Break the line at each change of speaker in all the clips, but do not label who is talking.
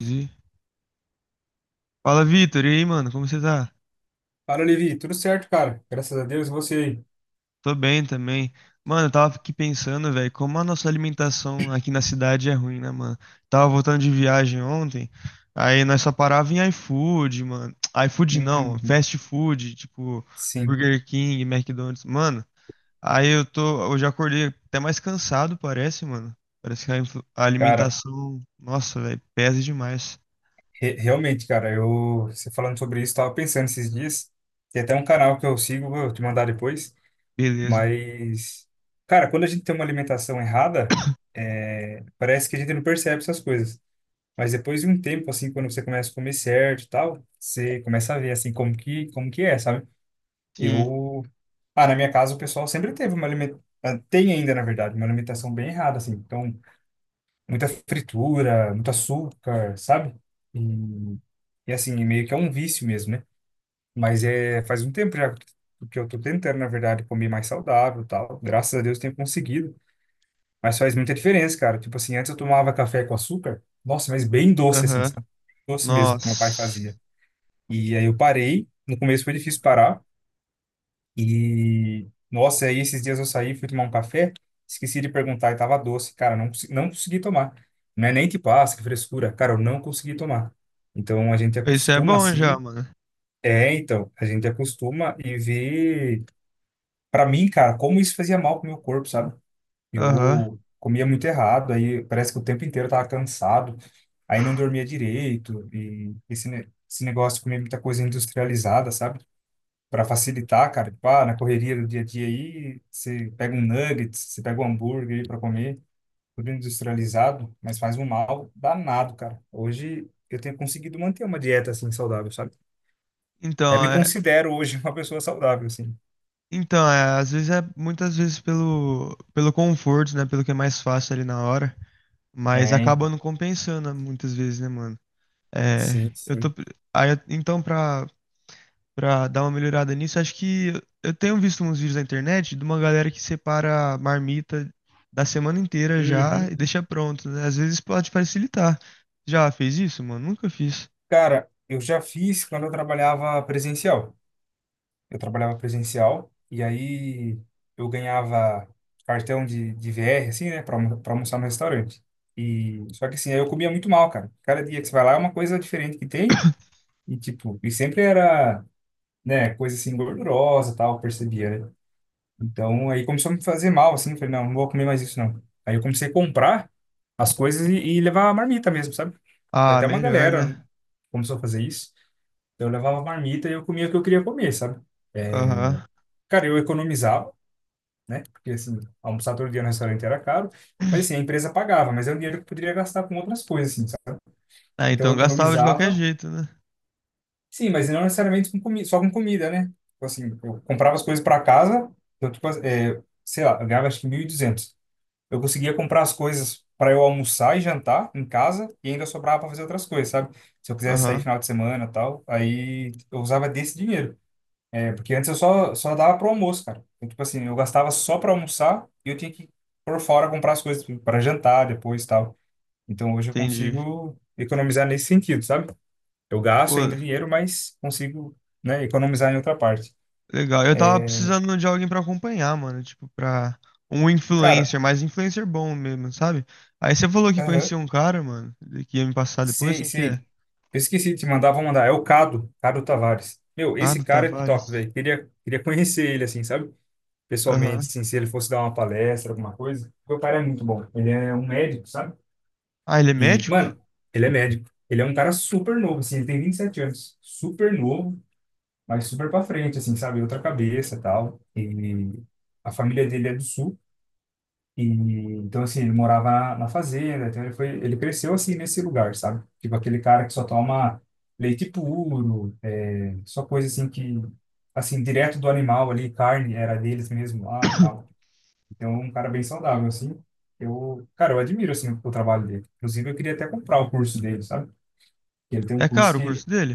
Entendi. Fala, Vitor. E aí, mano, como você tá?
Fala, Levi. Tudo certo, cara? Graças a Deus, e você aí.
Tô bem também. Mano, eu tava aqui pensando, velho, como a nossa alimentação aqui na cidade é ruim, né, mano? Tava voltando de viagem ontem, aí nós só parava em iFood, mano. IFood não,
Uhum.
fast food, tipo
Sim,
Burger King, McDonald's. Mano, aí eu tô, hoje eu já acordei até mais cansado, parece, mano. Parece que a
cara,
alimentação, nossa, velho, pesa demais.
realmente, cara, eu, você falando sobre isso, tava pensando esses dias, tem até um canal que eu sigo, vou te mandar depois,
Beleza.
mas, cara, quando a gente tem uma alimentação errada, é, parece que a gente não percebe essas coisas, mas depois de um tempo, assim, quando você começa a comer certo e tal, você começa a ver, assim, como que é, sabe?
Sim.
Eu, ah, na minha casa o pessoal sempre teve uma alimentação, tem ainda, na verdade, uma alimentação bem errada, assim, então muita fritura, muito açúcar, sabe? E, e assim, meio que é um vício mesmo, né? Mas é faz um tempo já que eu tô tentando, na verdade, comer mais saudável, e tal. Graças a Deus tenho conseguido, mas faz muita diferença, cara. Tipo assim, antes eu tomava café com açúcar, nossa, mas bem doce assim,
Aham.
sabe? Doce mesmo que meu pai
Nossa.
fazia. E aí eu parei, no começo foi difícil parar, e, nossa, aí esses dias eu saí, fui tomar um café, esqueci de perguntar e tava doce. Cara, não, não consegui tomar. Não é nem tipo, ah, que frescura. Cara, eu não consegui tomar. Então, a gente
Isso é
acostuma
bom já,
assim.
mano.
É, então, a gente acostuma e vê. Pra mim, cara, como isso fazia mal pro meu corpo, sabe?
Aham.
Eu comia muito errado, aí parece que o tempo inteiro eu tava cansado, aí não dormia direito, e esse negócio de comer muita coisa industrializada, sabe? Para facilitar, cara. Tipo, ah, na correria do dia a dia aí, você pega um nugget, você pega um hambúrguer aí para comer, tudo industrializado, mas faz um mal danado, cara. Hoje eu tenho conseguido manter uma dieta assim saudável, sabe? Até
Então,
me
é,
considero hoje uma pessoa saudável, assim.
então é, às vezes é muitas vezes pelo conforto, né, pelo que é mais fácil ali na hora, mas
É,
acaba
então.
não compensando muitas vezes, né, mano? É,
Sim,
eu
sim.
tô aí, então pra para dar uma melhorada nisso, acho que eu tenho visto uns vídeos na internet de uma galera que separa a marmita da semana inteira já e
Uhum.
deixa pronto, né? Às vezes pode facilitar. Já fez isso, mano? Nunca fiz.
Cara, eu já fiz quando eu trabalhava presencial. Eu trabalhava presencial e aí eu ganhava cartão de VR, assim, né, para almoçar no restaurante. E só que assim, aí eu comia muito mal, cara. Cada dia que você vai lá é uma coisa diferente que tem e tipo, e sempre era, né, coisa assim gordurosa, e tal, eu percebia, né? Então, aí começou a me fazer mal, assim, eu falei, não, não vou comer mais isso não. Aí eu comecei a comprar as coisas e levar a marmita mesmo, sabe? Tem
Ah,
até uma
melhor,
galera
né?
começou a fazer isso. Então eu levava a marmita e eu comia o que eu queria comer, sabe? É,
Aham.
cara, eu economizava, né? Porque assim, almoçar todo dia no restaurante era caro, mas assim, a empresa pagava, mas era um dinheiro que eu poderia gastar com outras coisas, assim, sabe?
Ah,
Então
então
eu
gastava de qualquer
economizava,
jeito, né?
sim, mas não necessariamente com comi só com comida, né? Tipo assim, eu comprava as coisas para casa, eu, tipo, é, sei lá, eu ganhava acho que 1.200. Eu conseguia comprar as coisas para eu almoçar e jantar em casa e ainda sobrava para fazer outras coisas, sabe? Se eu quisesse sair
Aham.
final de semana, e tal, aí eu usava desse dinheiro. É porque antes eu só dava pro almoço, cara. Então tipo assim, eu gastava só pra almoçar e eu tinha que ir por fora comprar as coisas para jantar depois e tal. Então hoje eu
Entendi.
consigo economizar nesse sentido, sabe? Eu gasto
Pô,
ainda dinheiro, mas consigo, né, economizar em outra parte.
legal. Eu tava precisando de alguém pra acompanhar, mano. Tipo, pra um
Cara,
influencer, mas influencer bom mesmo, sabe? Aí você falou que
aham,
conhecia um cara, mano, que ia me passar depois.
sei,
Quem que
sei.
é?
Eu esqueci de te mandar, vou mandar. É o Cado, Cado Tavares. Meu, esse
Ricardo
cara é top,
Tavares.
velho. Queria conhecer ele, assim, sabe?
Aham.
Pessoalmente, assim, se ele fosse dar uma palestra, alguma coisa. Porque o cara é muito bom. Ele é um médico, sabe?
Ah, ele é
E,
médico?
mano, ele é médico. Ele é um cara super novo, assim, ele tem 27 anos. Super novo, mas super pra frente, assim, sabe? Outra cabeça e tal. E a família dele é do sul. E, então, assim, ele morava na fazenda. Então, ele foi, ele cresceu, assim, nesse lugar, sabe? Tipo aquele cara que só toma leite puro, é, só coisa, assim, que assim, direto do animal ali, carne era deles mesmo lá, tal. Então, é um cara bem saudável, assim. Eu, cara, eu admiro, assim, o trabalho dele. Inclusive, eu queria até comprar o curso dele, sabe? Ele tem um
É
curso
caro o
que,
curso dele?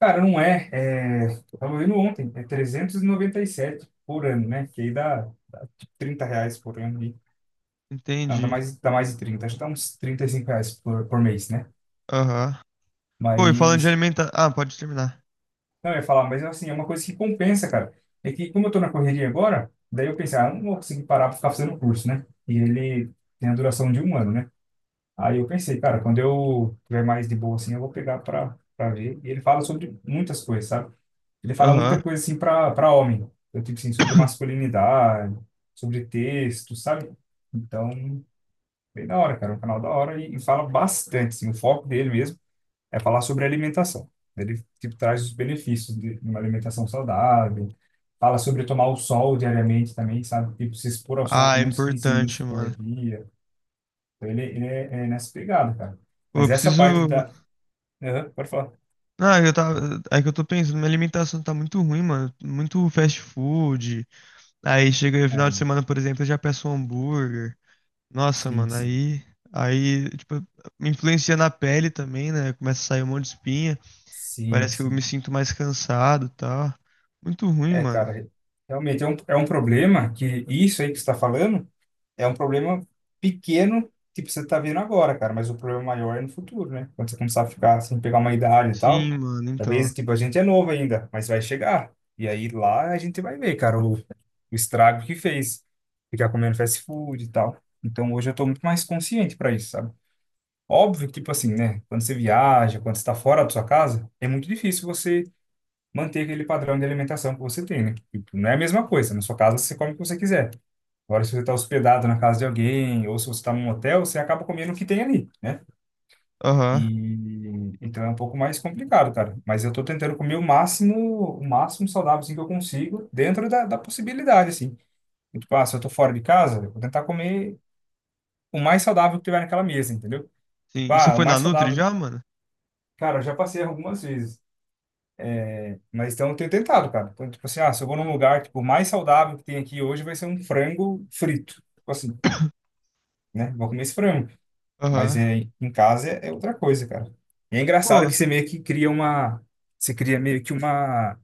cara, não é, é, eu tava vendo ontem, é 397 por ano, né? Que aí dá 30 reais por ano, e, não,
Entendi.
dá mais de 30, acho que dá uns 35 reais por mês, né?
Aham. Pô, e falando de
Mas,
alimentação. Ah, pode terminar.
não, eu ia falar, mas assim, é uma coisa que compensa, cara. É que como eu tô na correria agora, daí eu pensei, ah, eu não vou conseguir parar pra ficar fazendo curso, né? E ele tem a duração de um ano, né? Aí eu pensei, cara, quando eu tiver mais de boa assim, eu vou pegar pra, pra ver. E ele fala sobre muitas coisas, sabe? Ele fala
Aham.
muita coisa assim para homem, então, tipo assim, sobre masculinidade, sobre texto, sabe? Então, bem da hora, cara, é um canal da hora e fala bastante, assim, o foco dele mesmo é falar sobre alimentação. Ele tipo traz os benefícios de uma alimentação saudável, fala sobre tomar o sol diariamente também, sabe? Tipo, se expor ao sol
Ah,
pelo
é
menos 15
importante,
minutos por
mano.
dia. Então, ele é, é nessa pegada, cara.
Pô, eu
Mas essa
preciso.
parte da... Aham, pode falar.
Não, eu tava. É que eu tô pensando, minha alimentação tá muito ruim, mano. Muito fast food. Aí chega no final de
É,
semana, por exemplo, eu já peço um hambúrguer. Nossa,
sim,
mano,
sim.
aí. Aí, tipo, me influencia na pele também, né? Começa a sair um monte de espinha.
Sim,
Parece que eu me
sim.
sinto mais cansado e tal. Muito ruim,
É,
mano.
cara, realmente é um problema que isso aí que você está falando é um problema pequeno que você está vendo agora, cara, mas o problema maior é no futuro, né? Quando você começar a ficar sem pegar uma idade e tal,
Sim, mano, então.
talvez, tipo, a gente é novo ainda, mas vai chegar. E aí lá a gente vai ver, cara, o estrago que fez, ficar comendo fast food e tal. Então hoje eu tô muito mais consciente para isso, sabe? Óbvio que, tipo assim, né? Quando você viaja, quando você tá fora da sua casa, é muito difícil você manter aquele padrão de alimentação que você tem, né? Tipo, não é a mesma coisa. Na sua casa, você come o que você quiser. Agora, se você está hospedado na casa de alguém, ou se você está num hotel, você acaba comendo o que tem ali, né?
Aham.
E então é um pouco mais complicado, cara. Mas eu tô tentando comer o máximo saudável assim, que eu consigo, dentro da possibilidade, assim. Tipo, ah, se eu tô fora de casa, eu vou tentar comer o mais saudável que tiver naquela mesa, entendeu?
Sim.
Tipo,
E você
ah, o
foi na
mais
Nutri
saudável.
já, mano?
Cara, eu já passei algumas vezes. Mas então eu tenho tentado, cara. Então, tipo assim, ah, se eu vou num lugar, tipo, o mais saudável que tem aqui hoje vai ser um frango frito. Tipo assim, né? Vou comer esse frango. Mas
Aham.
é, em casa é, é outra coisa, cara. E é engraçado
Pô,
que você meio que cria uma... Você cria meio que uma...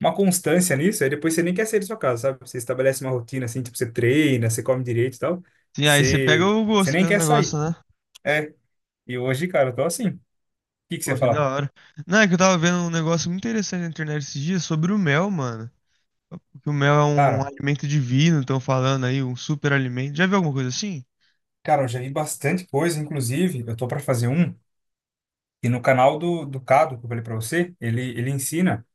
Uma constância nisso, aí depois você nem quer sair da sua casa, sabe? Você estabelece uma rotina assim, tipo, você treina, você come direito e tal.
sim, aí você pega
Você,
o
você
gosto
nem
pelo
quer
negócio,
sair.
né?
É. E hoje, cara, eu tô assim. O que que você
Pô,
ia
que
falar?
da hora. Não, é que eu tava vendo um negócio muito interessante na internet esses dias sobre o mel, mano. Que o mel é um
Cara,
alimento divino, estão falando aí, um super alimento. Já viu alguma coisa assim?
cara, eu já vi bastante coisa, inclusive, eu tô pra fazer um. E no canal do Cado, que eu falei para você, ele ensina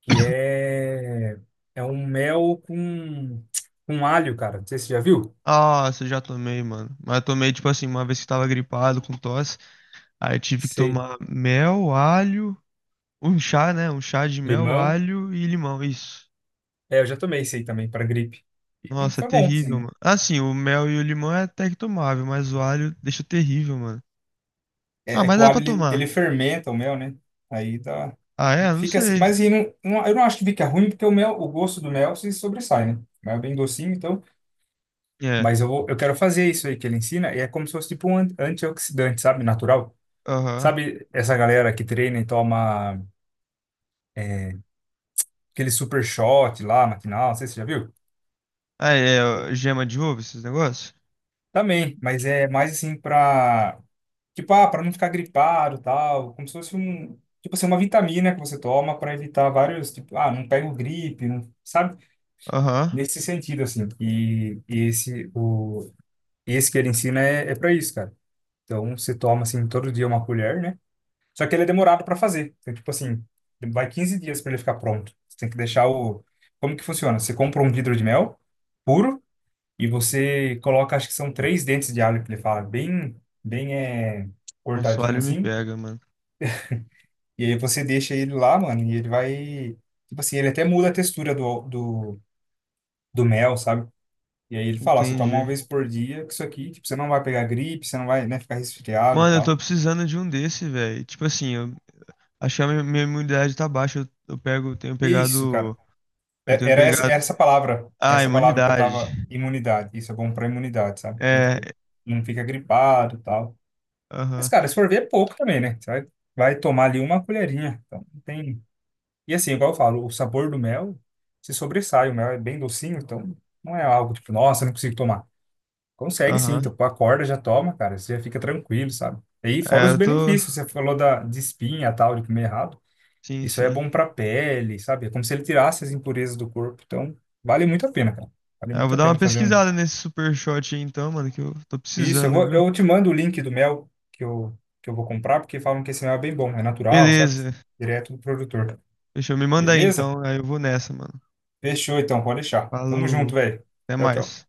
que é, é um mel com alho, cara. Não sei se você já viu.
Ah, essa eu já tomei, mano. Mas eu tomei, tipo assim, uma vez que tava gripado com tosse. Aí eu tive que
Sei.
tomar mel, alho, um chá, né? Um chá de mel,
Limão.
alho e limão, isso.
É, eu já tomei esse aí também, para gripe. E
Nossa, é
foi bom, sim,
terrível,
né?
mano. Assim, o mel e o limão é até que tomável, mas o alho deixa terrível, mano. Ah,
É, é
mas
que o
dá
alho,
pra
ele
tomar.
fermenta o mel, né? Aí dá,
Ah, é? Não
fica assim.
sei.
Mas e não, eu não acho que fica ruim, porque o mel, o gosto do mel se sobressai, né? O mel é bem docinho, então.
É,
Mas eu, vou, eu quero fazer isso aí que ele ensina, e é como se fosse tipo um antioxidante, sabe? Natural.
aham.
Sabe essa galera que treina e toma aquele super shot lá, matinal, não sei se você já viu?
Ah, é,
Sim.
ó, gema de ovo, esses negócios?
Também, mas é mais assim pra, tipo, ah, pra não ficar gripado e tal, como se fosse um, tipo assim, uma vitamina que você toma pra evitar vários, tipo, ah, não pego gripe, não, sabe?
Aham.
Nesse sentido, assim, e esse, o, esse que ele ensina é, é pra isso, cara. Então, você toma, assim, todo dia uma colher, né? Só que ele é demorado para fazer. Então, tipo assim, vai 15 dias para ele ficar pronto. Você tem que deixar o. Como que funciona? Você compra um vidro de mel puro e você coloca, acho que são 3 dentes de alho que ele fala, bem, bem é,
Nossa, o
cortadinho
alho me
assim.
pega, mano.
E aí você deixa ele lá, mano, e ele vai. Tipo assim, ele até muda a textura do mel, sabe? E aí ele fala, ó, você toma uma
Entendi.
vez por dia, que isso aqui, tipo, você não vai pegar gripe, você não vai, né, ficar resfriado e
Mano, eu tô
tal.
precisando de um desse, velho. Tipo assim, eu, acho que a minha imunidade tá baixa. Eu pego, eu tenho
É isso, cara.
pegado. Eu
É-
tenho
Era essa, era
pegado.
essa palavra,
Ah,
essa palavra que eu
imunidade.
tava, imunidade. Isso é bom pra imunidade, sabe? Então, tipo,
É.
não fica gripado e tal. Mas,
Aham,
cara, se for ver, é pouco também, né? Você vai, vai tomar ali uma colherinha. Então, não tem... E assim, igual eu falo, o sabor do mel se sobressai. O mel é bem docinho, então não é algo tipo, nossa, não consigo tomar. Consegue sim,
aham.
então tipo, acorda, já toma, cara. Você já fica tranquilo, sabe? E aí, fora
É,
os
eu tô.
benefícios, você falou da, de espinha e tal, de comer errado.
Sim,
Isso aí é
sim.
bom para a pele, sabe? É como se ele tirasse as impurezas do corpo. Então, vale muito a pena, cara. Vale
É, eu
muito
vou
a
dar uma
pena fazer um.
pesquisada nesse super shot aí então, mano, que eu tô
Isso, eu
precisando,
vou,
viu?
eu te mando o link do mel que eu vou comprar, porque falam que esse mel é bem bom, é natural, sabe?
Beleza.
Direto do produtor.
Deixa eu me mandar aí
Beleza?
então. Aí eu vou nessa, mano.
Fechou então, pode deixar. Tamo
Falou.
junto, velho.
Até
Tchau, tchau.
mais.